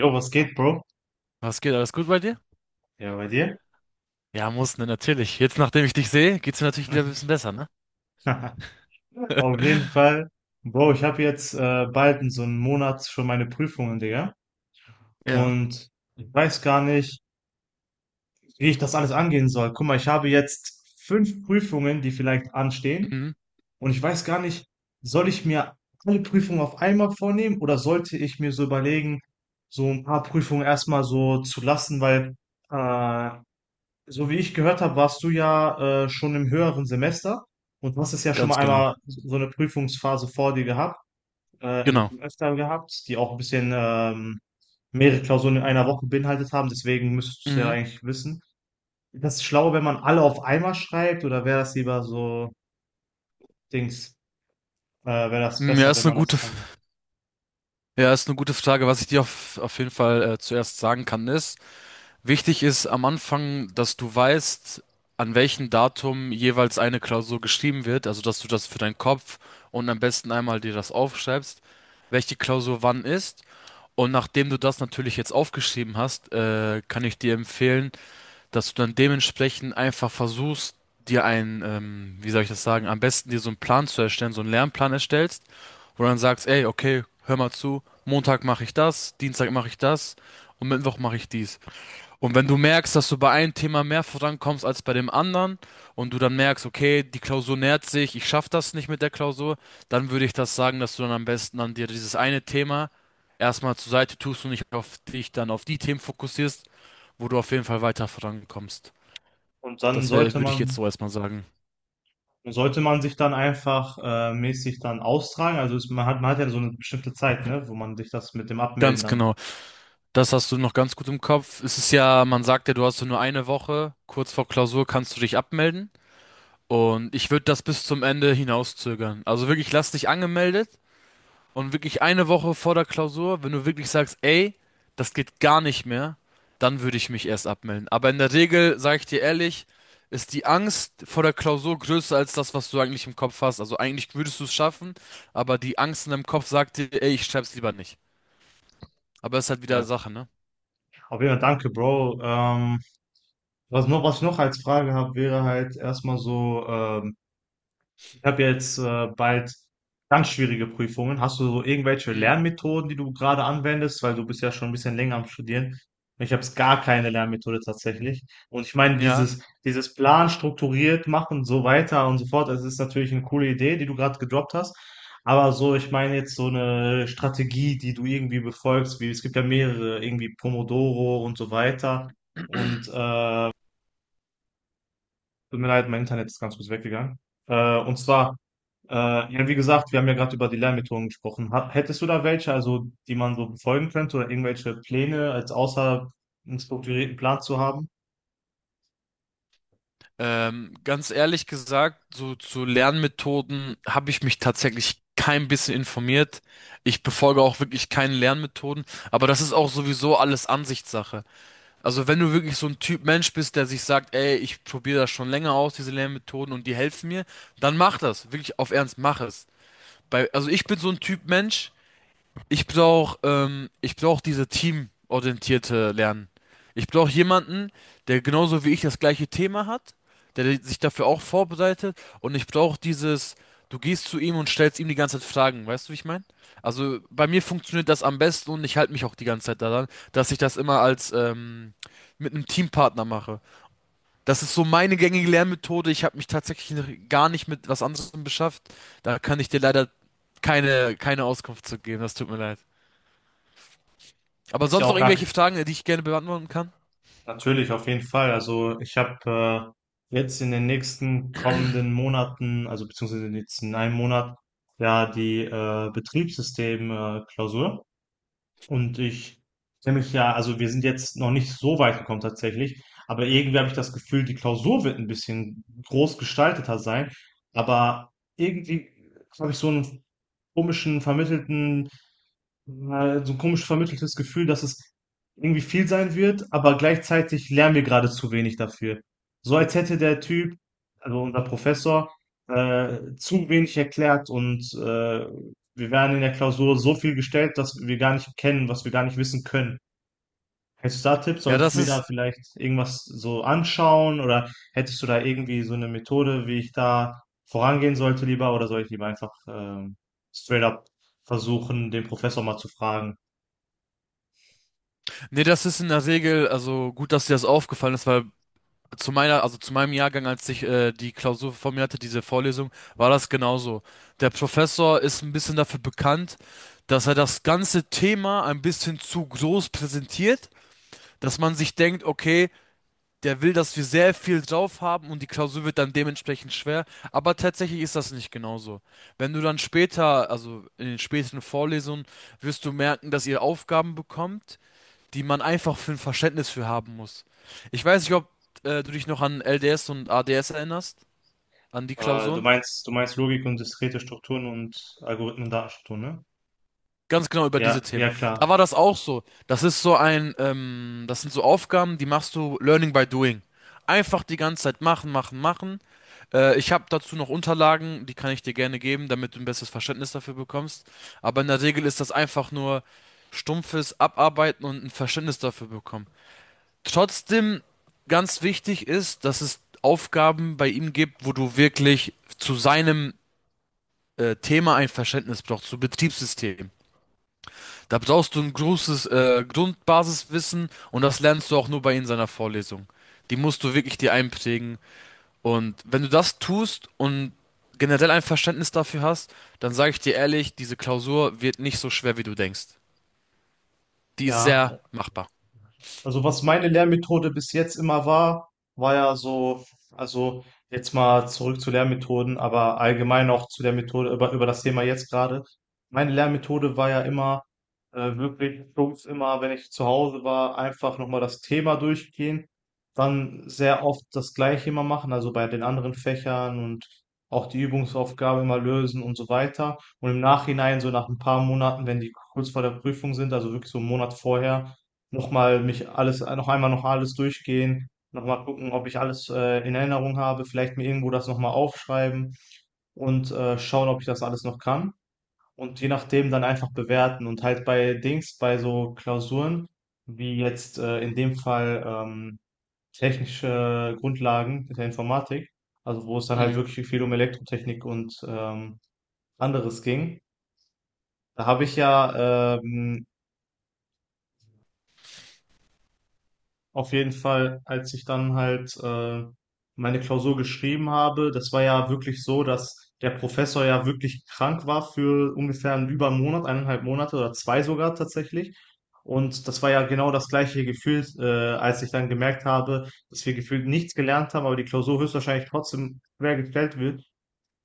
Jo, was geht, Bro? Was geht? Alles gut bei dir? Ja, bei dir? Ja, muss, ne, natürlich. Jetzt, nachdem ich dich sehe, geht's mir natürlich wieder ein bisschen besser, ne? Auf jeden Fall. Bro, ich habe jetzt bald in so einem Monat schon meine Prüfungen, Digga. Ja. Und ich weiß gar nicht, wie ich das alles angehen soll. Guck mal, ich habe jetzt fünf Prüfungen, die vielleicht anstehen. Mhm. Und ich weiß gar nicht, soll ich mir alle Prüfungen auf einmal vornehmen oder sollte ich mir so überlegen, so ein paar Prüfungen erstmal so zu lassen, weil äh, so wie ich gehört habe, warst du ja schon im höheren Semester und du hast es ja schon mal Ganz genau. einmal so eine Prüfungsphase vor dir gehabt, also Genau. schon öfter gehabt, die auch ein bisschen mehrere Klausuren in einer Woche beinhaltet haben. Deswegen müsstest du es ja Mhm. eigentlich wissen. Ist das schlau, wenn man alle auf einmal schreibt oder wäre das lieber so Dings, wäre das Mm, ja, besser, wenn man das dann macht? Ist eine gute Frage. Was ich dir auf jeden Fall zuerst sagen kann, ist, wichtig ist am Anfang, dass du weißt, an welchem Datum jeweils eine Klausur geschrieben wird. Also, dass du das für deinen Kopf und am besten einmal dir das aufschreibst, welche Klausur wann ist. Und nachdem du das natürlich jetzt aufgeschrieben hast, kann ich dir empfehlen, dass du dann dementsprechend einfach versuchst, dir einen, wie soll ich das sagen, am besten dir so einen Plan zu erstellen, so einen Lernplan erstellst, wo du dann sagst, ey, okay, hör mal zu, Montag mache ich das, Dienstag mache ich das und Mittwoch mache ich dies. Und wenn du merkst, dass du bei einem Thema mehr vorankommst als bei dem anderen und du dann merkst, okay, die Klausur nähert sich, ich schaffe das nicht mit der Klausur, dann würde ich das sagen, dass du dann am besten an dir dieses eine Thema erstmal zur Seite tust und nicht auf dich dann auf die Themen fokussierst, wo du auf jeden Fall weiter vorankommst. Und dann Das sollte würde ich jetzt man so erstmal sagen. sollte man sich dann einfach mäßig dann austragen. Also man hat ja so eine bestimmte Zeit, ne, wo man sich das mit dem Abmelden Ganz dann genau. Das hast du noch ganz gut im Kopf. Es ist ja, man sagt ja, du hast so nur eine Woche. Kurz vor Klausur kannst du dich abmelden. Und ich würde das bis zum Ende hinauszögern. Also wirklich, lass dich angemeldet und wirklich eine Woche vor der Klausur, wenn du wirklich sagst, ey, das geht gar nicht mehr, dann würde ich mich erst abmelden. Aber in der Regel, sage ich dir ehrlich, ist die Angst vor der Klausur größer als das, was du eigentlich im Kopf hast. Also eigentlich würdest du es schaffen, aber die Angst in deinem Kopf sagt dir, ey, ich schreib's lieber nicht. Aber es ist halt wieder ja. Sache, ne? Auf jeden Fall, danke, Bro. Was ich noch als Frage habe, wäre halt erstmal so. Ich habe jetzt bald ganz schwierige Prüfungen. Hast du so irgendwelche Mhm. Lernmethoden, die du gerade anwendest? Weil du bist ja schon ein bisschen länger am Studieren. Ich habe gar keine Lernmethode tatsächlich. Und ich meine, Ja, dieses Plan strukturiert machen und so weiter und so fort, das ist natürlich eine coole Idee, die du gerade gedroppt hast. Aber so, ich meine jetzt so eine Strategie, die du irgendwie befolgst, wie es gibt ja mehrere, irgendwie Pomodoro und so weiter. Und tut mir leid, mein Internet ist ganz kurz weggegangen. Und zwar, ja, wie gesagt, wir haben ja gerade über die Lernmethoden gesprochen. Hättest du da welche, also die man so befolgen könnte oder irgendwelche Pläne als außer einen strukturierten Plan zu haben? Ganz ehrlich gesagt, so zu Lernmethoden habe ich mich tatsächlich kein bisschen informiert. Ich befolge auch wirklich keine Lernmethoden, aber das ist auch sowieso alles Ansichtssache. Also wenn du wirklich so ein Typ Mensch bist, der sich sagt, ey, ich probiere das schon länger aus, diese Lernmethoden und die helfen mir, dann mach das, wirklich auf Ernst, mach es. Also ich bin so ein Typ Mensch. Ich brauch diese teamorientierte Lernen. Ich brauche jemanden, der genauso wie ich das gleiche Thema hat, der sich dafür auch vorbereitet und ich brauche dieses, du gehst zu ihm und stellst ihm die ganze Zeit Fragen, weißt du, wie ich meine? Also bei mir funktioniert das am besten und ich halte mich auch die ganze Zeit daran, dass ich das immer als mit einem Teampartner mache. Das ist so meine gängige Lernmethode. Ich habe mich tatsächlich noch gar nicht mit was anderem beschäftigt. Da kann ich dir leider keine Auskunft zu geben. Das tut mir leid. Aber Ist ja sonst noch auch gar irgendwelche Fragen, die ich gerne beantworten kann? natürlich auf jeden Fall. Also ich habe jetzt in den nächsten kommenden Monaten, also beziehungsweise in den letzten einem Monat, ja die Betriebssystem Klausur. Und ich kenne mich ja, also wir sind jetzt noch nicht so weit gekommen tatsächlich, aber irgendwie habe ich das Gefühl, die Klausur wird ein bisschen groß gestalteter sein, aber irgendwie habe ich komischen vermittelten, so ein komisch vermitteltes Gefühl, dass es irgendwie viel sein wird, aber gleichzeitig lernen wir gerade zu wenig dafür. So als hätte der Typ, also unser Professor, zu wenig erklärt und wir werden in der Klausur so viel gestellt, dass wir gar nicht kennen, was wir gar nicht wissen können. Hättest du da Tipps? Ja, Sollte ich mir da vielleicht irgendwas so anschauen oder hättest du da irgendwie so eine Methode, wie ich da vorangehen sollte lieber oder soll ich lieber einfach straight up versuchen, den Professor mal zu fragen? nee, das ist in der Regel, also gut, dass dir das aufgefallen ist, weil also zu meinem Jahrgang, als ich die Klausur vor mir hatte, diese Vorlesung, war das genauso. Der Professor ist ein bisschen dafür bekannt, dass er das ganze Thema ein bisschen zu groß präsentiert, dass man sich denkt, okay, der will, dass wir sehr viel drauf haben und die Klausur wird dann dementsprechend schwer. Aber tatsächlich ist das nicht genauso. Wenn du dann später, also in den späteren Vorlesungen, wirst du merken, dass ihr Aufgaben bekommt, die man einfach für ein Verständnis für haben muss. Ich weiß nicht, ob du dich noch an LDS und ADS erinnerst, an die Äh, du Klausuren. meinst, du meinst Logik und diskrete Strukturen und Algorithmen und Datenstrukturen, ne? Ganz genau über Ja, diese Themen. ja klar. Da war das auch so. Das sind so Aufgaben, die machst du Learning by Doing. Einfach die ganze Zeit machen, machen, machen. Ich habe dazu noch Unterlagen, die kann ich dir gerne geben, damit du ein besseres Verständnis dafür bekommst. Aber in der Regel ist das einfach nur stumpfes Abarbeiten und ein Verständnis dafür bekommen. Trotzdem ganz wichtig ist, dass es Aufgaben bei ihm gibt, wo du wirklich zu seinem Thema ein Verständnis brauchst, zu Betriebssystem. Da brauchst du ein großes Grundbasiswissen und das lernst du auch nur bei ihm in seiner Vorlesung. Die musst du wirklich dir einprägen. Und wenn du das tust und generell ein Verständnis dafür hast, dann sage ich dir ehrlich, diese Klausur wird nicht so schwer, wie du denkst. Die ist Ja. sehr machbar. Also was meine Lernmethode bis jetzt immer war, war ja so, also jetzt mal zurück zu Lernmethoden, aber allgemein auch zu der Methode, über das Thema jetzt gerade. Meine Lernmethode war ja immer wirklich stumpf immer, wenn ich zu Hause war, einfach nochmal das Thema durchgehen, dann sehr oft das Gleiche immer machen, also bei den anderen Fächern und auch die Übungsaufgabe immer lösen und so weiter. Und im Nachhinein, so nach ein paar Monaten, wenn die kurz vor der Prüfung sind, also wirklich so einen Monat vorher, nochmal mich alles, noch einmal noch alles durchgehen, nochmal gucken, ob ich alles in Erinnerung habe, vielleicht mir irgendwo das nochmal aufschreiben und schauen, ob ich das alles noch kann. Und je nachdem dann einfach bewerten und halt bei Dings, bei so Klausuren, wie jetzt in dem Fall technische Grundlagen der Informatik, also wo es dann halt Mhm. wirklich viel um Elektrotechnik und anderes ging. Da habe ich ja auf jeden Fall, als ich dann halt meine Klausur geschrieben habe, das war ja wirklich so, dass der Professor ja wirklich krank war für ungefähr einen über einen Monat, eineinhalb Monate oder zwei sogar tatsächlich. Und das war ja genau das gleiche Gefühl, als ich dann gemerkt habe, dass wir gefühlt nichts gelernt haben, aber die Klausur höchstwahrscheinlich trotzdem quer gestellt wird.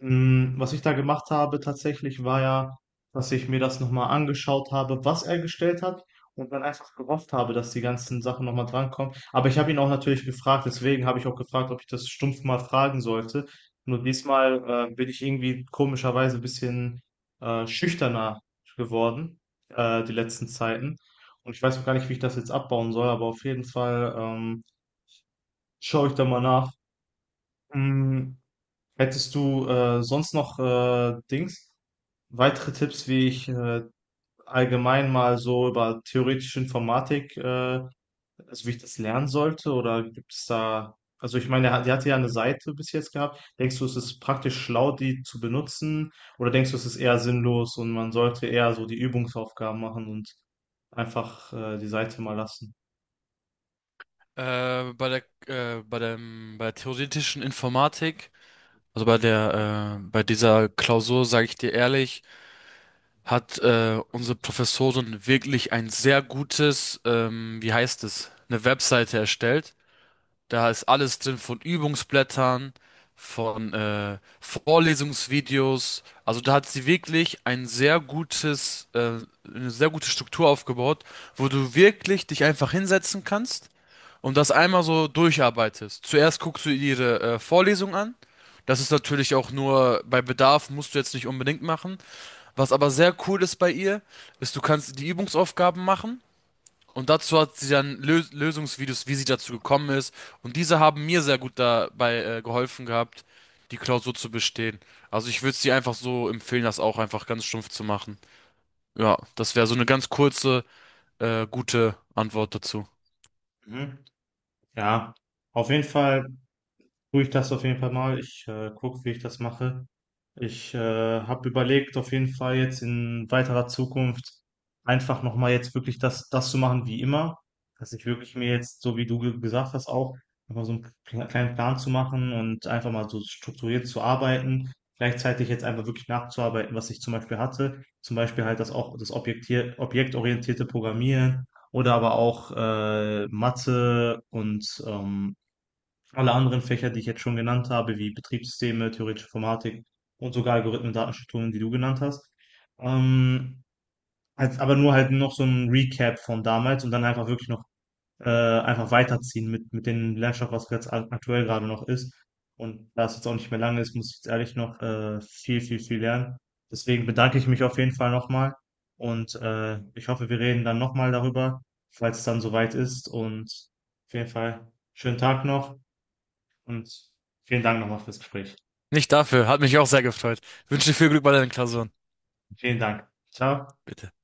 Was ich da gemacht habe tatsächlich, war ja, dass ich mir das nochmal angeschaut habe, was er gestellt hat und dann einfach gehofft habe, dass die ganzen Sachen nochmal drankommen. Aber ich habe ihn auch natürlich gefragt, deswegen habe ich auch gefragt, ob ich das stumpf mal fragen sollte. Nur diesmal bin ich irgendwie komischerweise ein bisschen schüchterner geworden, die letzten Zeiten. Und ich weiß auch gar nicht, wie ich das jetzt abbauen soll, aber auf jeden Fall schaue ich da mal nach. Hm, hättest du sonst noch Dings? Weitere Tipps, wie ich allgemein mal so über theoretische Informatik, also wie ich das lernen sollte, oder gibt es da, also ich meine, die hatte ja eine Seite bis jetzt gehabt. Denkst du, es ist praktisch schlau, die zu benutzen, oder denkst du, es ist eher sinnlos und man sollte eher so die Übungsaufgaben machen und einfach die Seite mal lassen? Äh, bei der, bei der theoretischen Informatik, also bei dieser Klausur, sage ich dir ehrlich, hat unsere Professorin wirklich, wie heißt es, eine Webseite erstellt. Da ist alles drin von Übungsblättern, von Vorlesungsvideos. Also da hat sie wirklich eine sehr gute Struktur aufgebaut, wo du wirklich dich einfach hinsetzen kannst und das einmal so durcharbeitest. Zuerst guckst du ihre Vorlesung an. Das ist natürlich auch nur bei Bedarf, musst du jetzt nicht unbedingt machen. Was aber sehr cool ist bei ihr, ist, du kannst die Übungsaufgaben machen und dazu hat sie dann Lö Lösungsvideos, wie sie dazu gekommen ist. Und diese haben mir sehr gut dabei geholfen gehabt, die Klausur zu bestehen. Also ich würde es dir einfach so empfehlen, das auch einfach ganz stumpf zu machen. Ja, das wäre so eine ganz kurze, gute Antwort dazu. Mhm. Ja, auf jeden Fall. Tue ich das auf jeden Fall mal. Ich gucke, wie ich das mache. Ich habe überlegt, auf jeden Fall jetzt in weiterer Zukunft einfach nochmal jetzt wirklich das zu machen wie immer. Dass ich wirklich mir jetzt, so wie du gesagt hast, auch einfach so einen kleinen Plan zu machen und einfach mal so strukturiert zu arbeiten. Gleichzeitig jetzt einfach wirklich nachzuarbeiten, was ich zum Beispiel hatte. Zum Beispiel halt das auch das objektorientierte Programmieren oder aber auch Mathe und alle anderen Fächer, die ich jetzt schon genannt habe, wie Betriebssysteme, theoretische Informatik und sogar Algorithmen, Datenstrukturen, die du genannt hast. Ähm, aber nur halt noch so ein Recap von damals und dann einfach wirklich noch einfach weiterziehen mit dem Lernstoff, was jetzt aktuell gerade noch ist. Und da es jetzt auch nicht mehr lange ist, muss ich jetzt ehrlich noch viel, viel, viel lernen. Deswegen bedanke ich mich auf jeden Fall nochmal und ich hoffe, wir reden dann nochmal darüber, falls es dann soweit ist. Und auf jeden Fall schönen Tag noch. Und vielen Dank nochmal fürs Gespräch. Nicht dafür, hat mich auch sehr gefreut. Wünsche dir viel Glück bei deinen Klausuren. Vielen Dank. Ciao. Bitte.